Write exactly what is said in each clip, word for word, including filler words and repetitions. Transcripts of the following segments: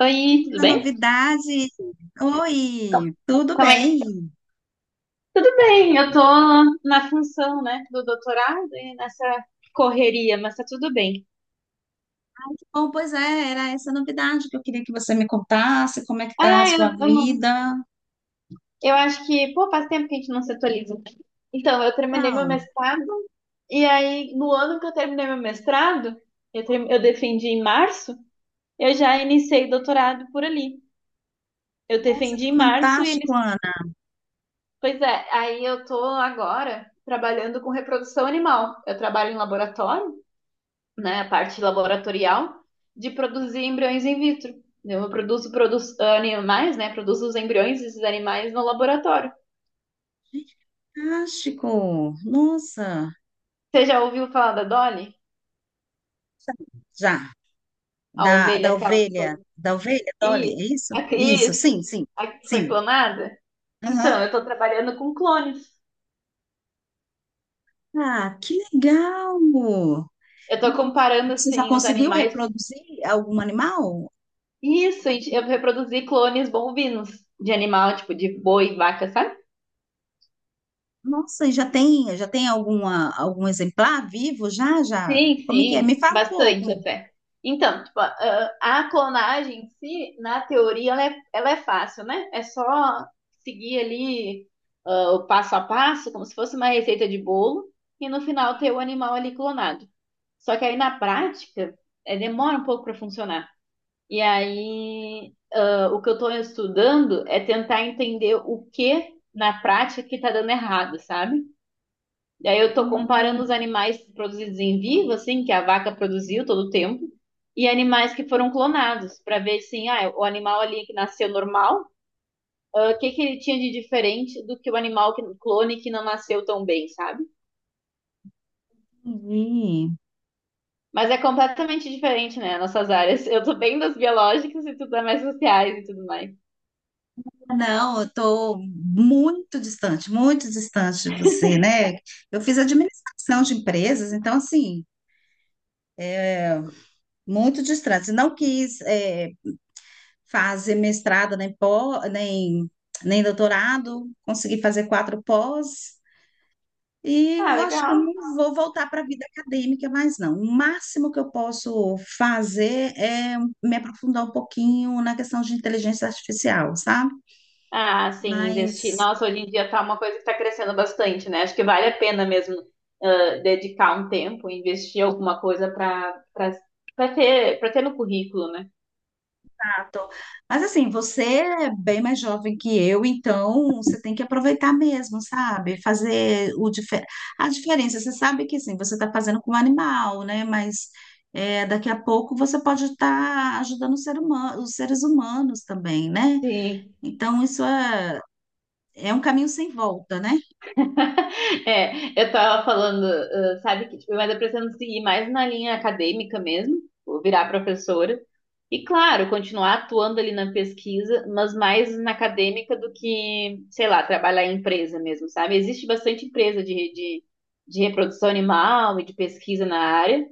Oi, tudo Da bem? novidade. Como Oi, tudo como é que... tá? bem? Tudo bem, eu tô na função, né, do doutorado e nessa correria, mas tá tudo bem. Bom, pois é, era essa novidade que eu queria que você me contasse, como é que tá a Ah, eu, sua eu vida. não... Eu acho que, pô, faz tempo que a gente não se atualiza. Então, eu terminei meu Então, mestrado e aí, no ano que eu terminei meu mestrado, eu, term- eu defendi em março, eu já iniciei o doutorado por ali. Eu nossa, defendi que em março e fantástico, eles... Ana. Pois é, aí eu tô agora trabalhando com reprodução animal. Eu trabalho em laboratório, né, a parte laboratorial, de produzir embriões in vitro. Eu produzo, produzo animais, né? Produzo os embriões desses animais no laboratório. Fantástico. Nossa. Você já ouviu falar da Dolly? Já, A da, ovelha, da aquela que foi... ovelha, da ovelha, Dolly, Isso, é isso? a, Isso, isso, sim, sim, a que foi sim. clonada? Então, Aham. eu estou trabalhando com clones. Ah, que legal! Eu estou comparando, Você já assim, os conseguiu animais. reproduzir algum animal? Isso, eu reproduzi clones bovinos de animal, tipo de boi, vaca, sabe? Nossa, e já tem, já tem alguma, algum exemplar vivo? Já, já? Sim, Como é que é? sim, Me fala um bastante pouco. até. Então, tipo, a, a clonagem em si, na teoria, ela é, ela é fácil, né? É só seguir ali ah, o passo a passo, como se fosse uma receita de bolo, e no final ter o animal ali clonado. Só que aí na prática, é, demora um pouco para funcionar. E aí, ah, o que eu estou estudando é tentar entender o que na prática que está dando errado, sabe? E aí eu tô comparando os animais produzidos em vivo, assim, que a vaca produziu todo o tempo, e animais que foram clonados, para ver, assim, ah, o animal ali que nasceu normal, ah, o que que ele tinha de diferente do que o animal que, clone que não nasceu tão bem, sabe? Entendi. Mas é completamente diferente, né, nossas áreas. Eu tô bem das biológicas e tu tá mais sociais e tudo mais. Não, eu estou muito distante, muito distante de você, né? Eu fiz administração de empresas, então, assim, muito distante. Não quis, eh, fazer mestrado, nem, pó, nem, nem doutorado, consegui fazer quatro pós. E Ah, eu acho que eu legal. não vou voltar para a vida acadêmica mais, não. O máximo que eu posso fazer é me aprofundar um pouquinho na questão de inteligência artificial, sabe? Ah, sim, investir. Mas, Nossa, hoje em dia tá uma coisa que está crescendo bastante, né? Acho que vale a pena mesmo ah, dedicar um tempo, investir alguma coisa para para ter para ter no currículo, né? ah, tô- mas assim, você é bem mais jovem que eu, então você tem que aproveitar mesmo, sabe? Fazer o dife- a diferença. Você sabe que sim, você está fazendo com um animal, né? Mas é, daqui a pouco você pode estar ajudando o ser humano, os seres humanos também, né? Sim, Então, isso é. É um caminho sem volta, né? É, eu tava falando, uh, sabe, que tipo, mas eu pretendo seguir mais na linha acadêmica mesmo, vou virar professora. E claro, continuar atuando ali na pesquisa, mas mais na acadêmica do que, sei lá, trabalhar em empresa mesmo, sabe? Existe bastante empresa de, de, de reprodução animal e de pesquisa na área.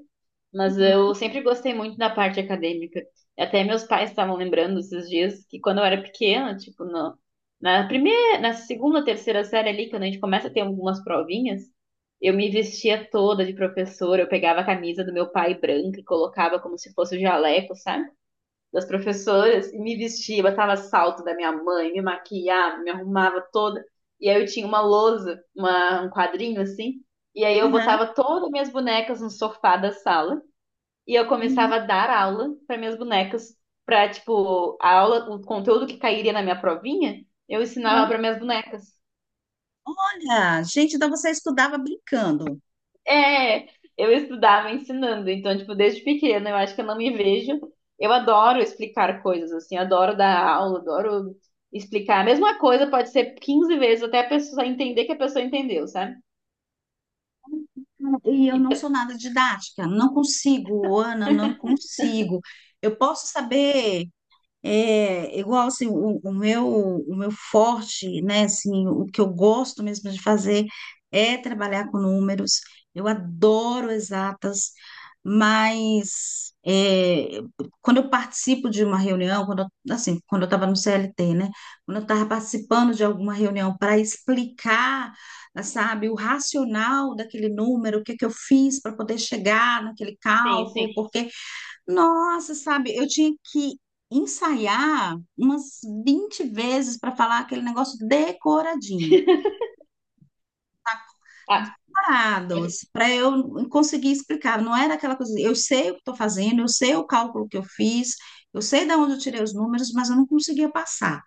Mas eu sempre gostei muito da parte acadêmica. Até meus pais estavam lembrando esses dias que quando eu era pequena, tipo, no, na primeira, na segunda, terceira série ali, quando a gente começa a ter algumas provinhas, eu me vestia toda de professora, eu pegava a camisa do meu pai branca e colocava como se fosse o jaleco, sabe? Das professoras, e me vestia, botava salto da minha mãe, me maquiava, me arrumava toda. E aí eu tinha uma lousa, uma, um quadrinho assim, e aí eu Aham. botava todas as minhas bonecas no sofá da sala. E eu começava Uhum. a dar aula para minhas bonecas, para tipo, a aula, o conteúdo que cairia na minha provinha, eu ensinava para minhas bonecas. Olha, gente, então você estudava brincando. É, eu estudava ensinando, então tipo, desde pequena, eu acho que eu não me vejo. Eu adoro explicar coisas assim, adoro dar aula, adoro explicar. A mesma coisa pode ser quinze vezes até a pessoa entender que a pessoa entendeu, sabe? E eu não E, sou nada didática, não consigo, Ana, não consigo. Eu posso saber. É igual assim, o, o meu o meu forte, né, assim, o que eu gosto mesmo de fazer é trabalhar com números. Eu adoro exatas, mas é, quando eu participo de uma reunião, quando eu- assim, quando eu estava no C L T, né, quando eu estava participando de alguma reunião para explicar, sabe, o racional daquele número, o que que eu fiz para poder chegar naquele sim, cálculo, sim. porque nossa, sabe, eu tinha que ensaiar umas vinte vezes para falar aquele negócio decoradinho, Ah, separados, para eu conseguir explicar. Não era aquela coisa, eu sei o que estou fazendo, eu sei o cálculo que eu fiz, eu sei de onde eu tirei os números, mas eu não conseguia passar,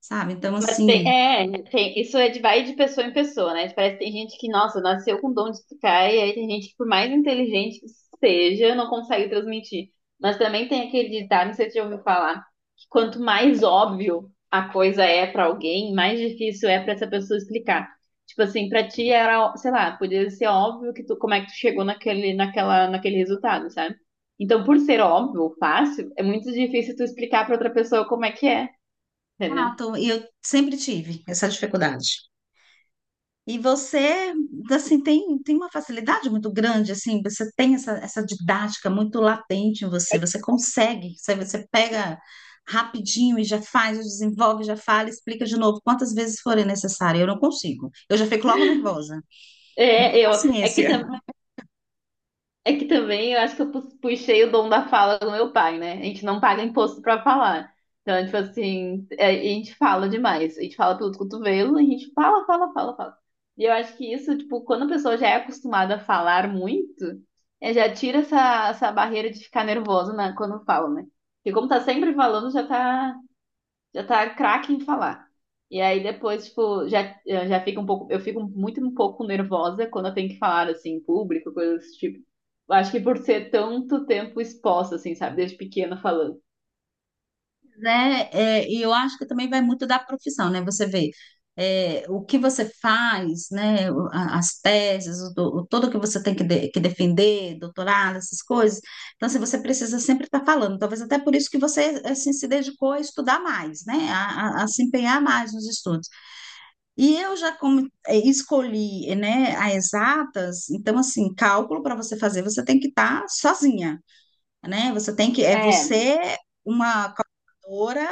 sabe? Então, mas tem, assim, é, tem, isso é de vai de pessoa em pessoa, né? Tipo, parece que tem gente que, nossa, nasceu com dom de tocar, e aí tem gente que, por mais inteligente que seja, não consegue transmitir. Mas também tem aquele ditado, não sei se você já ouviu falar, que quanto mais óbvio a coisa é pra alguém, mais difícil é pra essa pessoa explicar. Tipo assim, pra ti era, ó- sei lá, podia ser óbvio que tu, como é que tu chegou naquele, naquela, naquele resultado, sabe? Então, por ser óbvio, fácil, é muito difícil tu explicar pra outra pessoa como é que é, entendeu? ah, tô- e eu sempre tive essa dificuldade. E você, assim, tem, tem uma facilidade muito grande, assim, você tem essa, essa didática muito latente em você, você consegue, você, você pega rapidinho e já faz, já desenvolve, já fala, explica de novo quantas vezes forem necessário. Eu não consigo. Eu já fico logo nervosa. Não tenho É, eu, é que, paciência. tam- é que também eu acho que eu pu- puxei o dom da fala do meu pai, né? A gente não paga imposto pra falar. Então, tipo assim, é, a gente fala demais. A gente fala pelos cotovelos, a gente fala, fala, fala, fala. E eu acho que isso, tipo, quando a pessoa já é acostumada a falar muito, é, já tira essa, essa barreira de ficar nervosa na, quando fala, né? Porque como tá sempre falando, já tá já tá craque em falar. E aí depois, tipo, já, eu já fica um pouco, eu fico muito um pouco nervosa quando eu tenho que falar assim em público, coisas desse tipo. Eu acho que por ser tanto tempo exposta, assim, sabe, desde pequena falando. Né? É, e eu acho que também vai muito da profissão, né? Você vê é, o que você faz, né? o- a- As teses, o, do- o- tudo que você tem que, de- que defender, doutorado, essas coisas. Então, assim, você precisa sempre estar falando. Talvez até por isso que você assim, se dedicou a estudar mais, né? A, a- a se empenhar mais nos estudos. E eu já como, é, escolhi, né? A exatas. Então, assim, cálculo para você fazer, você tem que estar sozinha, né? Você tem que é É, você uma calculadora,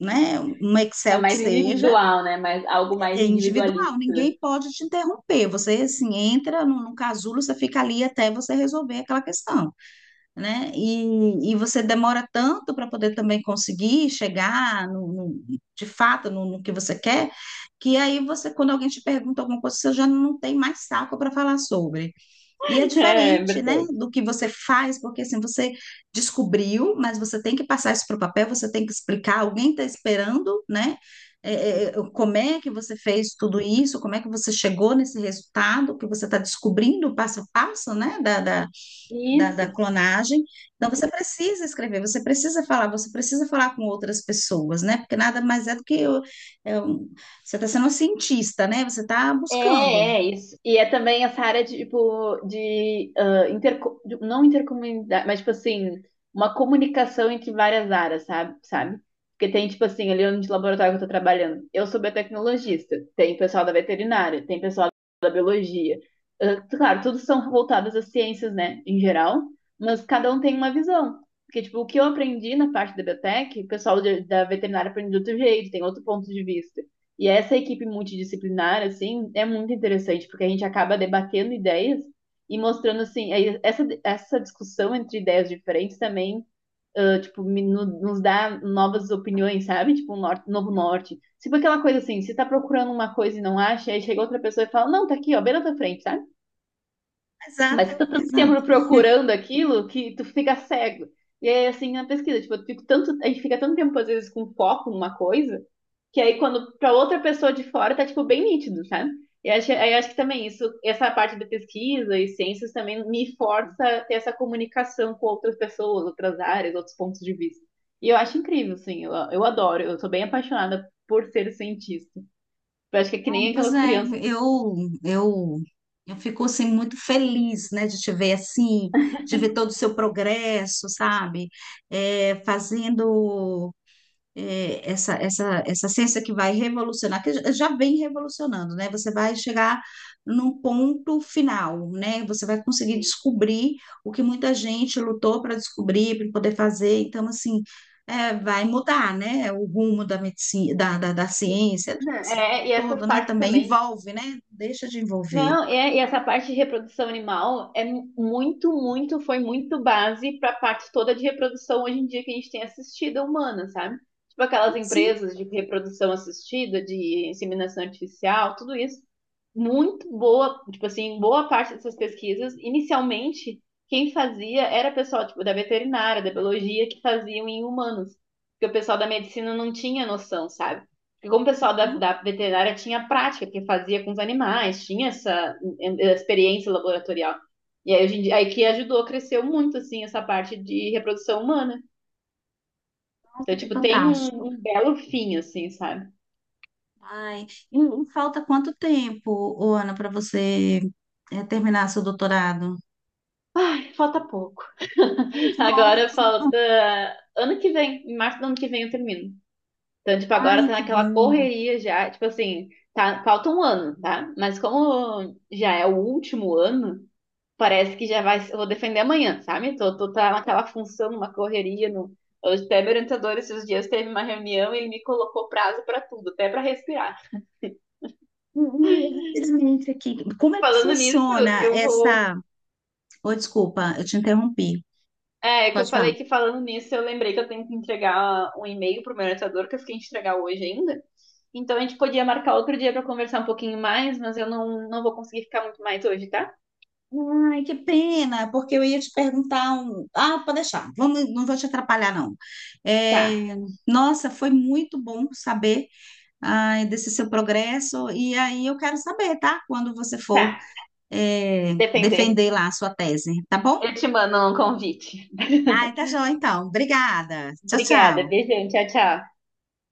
né, um é Excel que mais seja, individual, né? Mais, algo mais é individualista. individual, ninguém pode te interromper. Você, assim, entra no, no casulo, você fica ali até você resolver aquela questão, né? E, e você demora tanto para poder também conseguir chegar no, no- de fato no, no que você quer, que aí você, quando alguém te pergunta alguma coisa, você já não tem mais saco para falar sobre. E é É, é diferente, né, verdade. do que você faz, porque assim, você descobriu, mas você tem que passar isso para o papel, você tem que explicar, alguém está esperando, né? É, é, como é que você fez tudo isso, como é que você chegou nesse resultado, que você está descobrindo passo a passo, né, da, da, da, da Isso. clonagem. Então, você precisa escrever, você precisa falar, você precisa falar com outras pessoas, né? Porque nada mais é do que eu- é um- você está sendo um cientista, né? Você está É, buscando. é isso. E é também essa área de, tipo, de, ah, interco- de- não intercomunidade, mas, tipo assim, uma comunicação entre várias áreas, sabe? Sabe? Porque tem, tipo assim, ali onde o laboratório que eu tô trabalhando, eu sou biotecnologista, tem pessoal da veterinária, tem pessoal da biologia. Ah, claro, todos são voltados às ciências, né, em geral, mas cada um tem uma visão. Porque, tipo, o que eu aprendi na parte da biotech, o pessoal de- da veterinária aprende de outro jeito, tem outro ponto de vista. E essa equipe multidisciplinar, assim, é muito interessante, porque a gente acaba debatendo ideias e mostrando, assim, aí essa, essa discussão entre ideias diferentes também, ah, tipo, me- no- nos dá novas opiniões, sabe? Tipo, um norte, novo norte. Tipo aquela coisa assim, você tá procurando uma coisa e não acha, aí chega outra pessoa e fala, não, tá aqui, ó, bem na tua frente, sabe? Mas você Exato, tá tanto exato. tempo procurando aquilo que tu fica cego. E aí, assim, na pesquisa, tipo, eu fico tanto, a gente fica tanto tempo, às vezes, com foco numa coisa, que aí, quando para outra pessoa de fora, tá, tipo, bem nítido, sabe? E acho, aí acho que também isso, essa parte da pesquisa e ciências também me força a ter essa comunicação com outras pessoas, outras áreas, outros pontos de vista. E eu acho incrível, assim, eu, eu adoro, eu sou bem apaixonada por ser cientista. Eu acho que é que nem Ai, pois aquelas é, crianças. eu, eu, eu fico assim muito feliz, né, de te ver assim, de ver todo o seu progresso, sabe? É, fazendo é, essa, essa, essa ciência que vai revolucionar, que já já vem revolucionando, né? Você vai chegar num ponto final, né? Você vai conseguir Sim. descobrir o que muita gente lutou para descobrir, para poder fazer. Então, assim, é, vai mudar, né? O rumo da medicina, da, da, da ciência, da Não, medicina como é, um e essas todo, né? partes Também também envolve, né? Deixa de envolver. Não, é, e essa parte de reprodução animal é mu- muito, muito, foi muito base para a parte toda de reprodução hoje em dia que a gente tem assistida humana, sabe? Tipo aquelas Sim. empresas de reprodução assistida, de inseminação artificial, tudo isso. Muito boa, tipo assim, boa parte dessas pesquisas, inicialmente, quem fazia era pessoal, tipo, da veterinária, da biologia, que faziam em humanos. Porque o pessoal da medicina não tinha noção, sabe? Porque como o pessoal da, Uhum. da veterinária tinha prática que fazia com os animais, tinha essa em- em- experiência laboratorial. E aí, hoje em dia, aí que ajudou, cresceu muito, assim, essa parte de reprodução humana. Então, Nossa, que tipo, tem um, fantástico. um belo fim, assim, sabe? Ai, e e falta quanto tempo, ô, Ana, para você é, terminar seu doutorado? Ai, falta pouco. Ai, que bom. Agora falta ano que vem, em março do ano que vem eu termino. Então, tipo, agora Ai, tá que naquela bom. correria já, tipo assim, tá, falta um ano, tá? Mas como já é o último ano, parece que já vai, eu vou defender amanhã, sabe? Tô, tô tá naquela função, numa correria, no, hoje até meu orientador esses dias teve uma reunião e ele me colocou prazo pra tudo, até pra respirar. E, e, rapidamente aqui, como é que Falando nisso, funciona eu vou, essa... Oh, desculpa, eu te interrompi. é, que eu Pode falar. falei que falando nisso, eu lembrei que eu tenho que entregar um e-mail pro meu orientador que eu fiquei de entregar hoje ainda. Então a gente podia marcar outro dia pra conversar um pouquinho mais, mas eu não, não vou conseguir ficar muito mais hoje, tá? Ai, que pena, porque eu ia te perguntar um... Ah, pode deixar, vamos, não vou te atrapalhar, não. Tá, É, nossa, foi muito bom saber ai, desse seu progresso, e aí eu quero saber, tá? Quando você for tá. é, Depender. defender lá a sua tese, tá bom? Eu te mando um convite. Ai, tá joia, então. Obrigada. Tchau, Obrigada, tchau. beijão, tchau, tchau.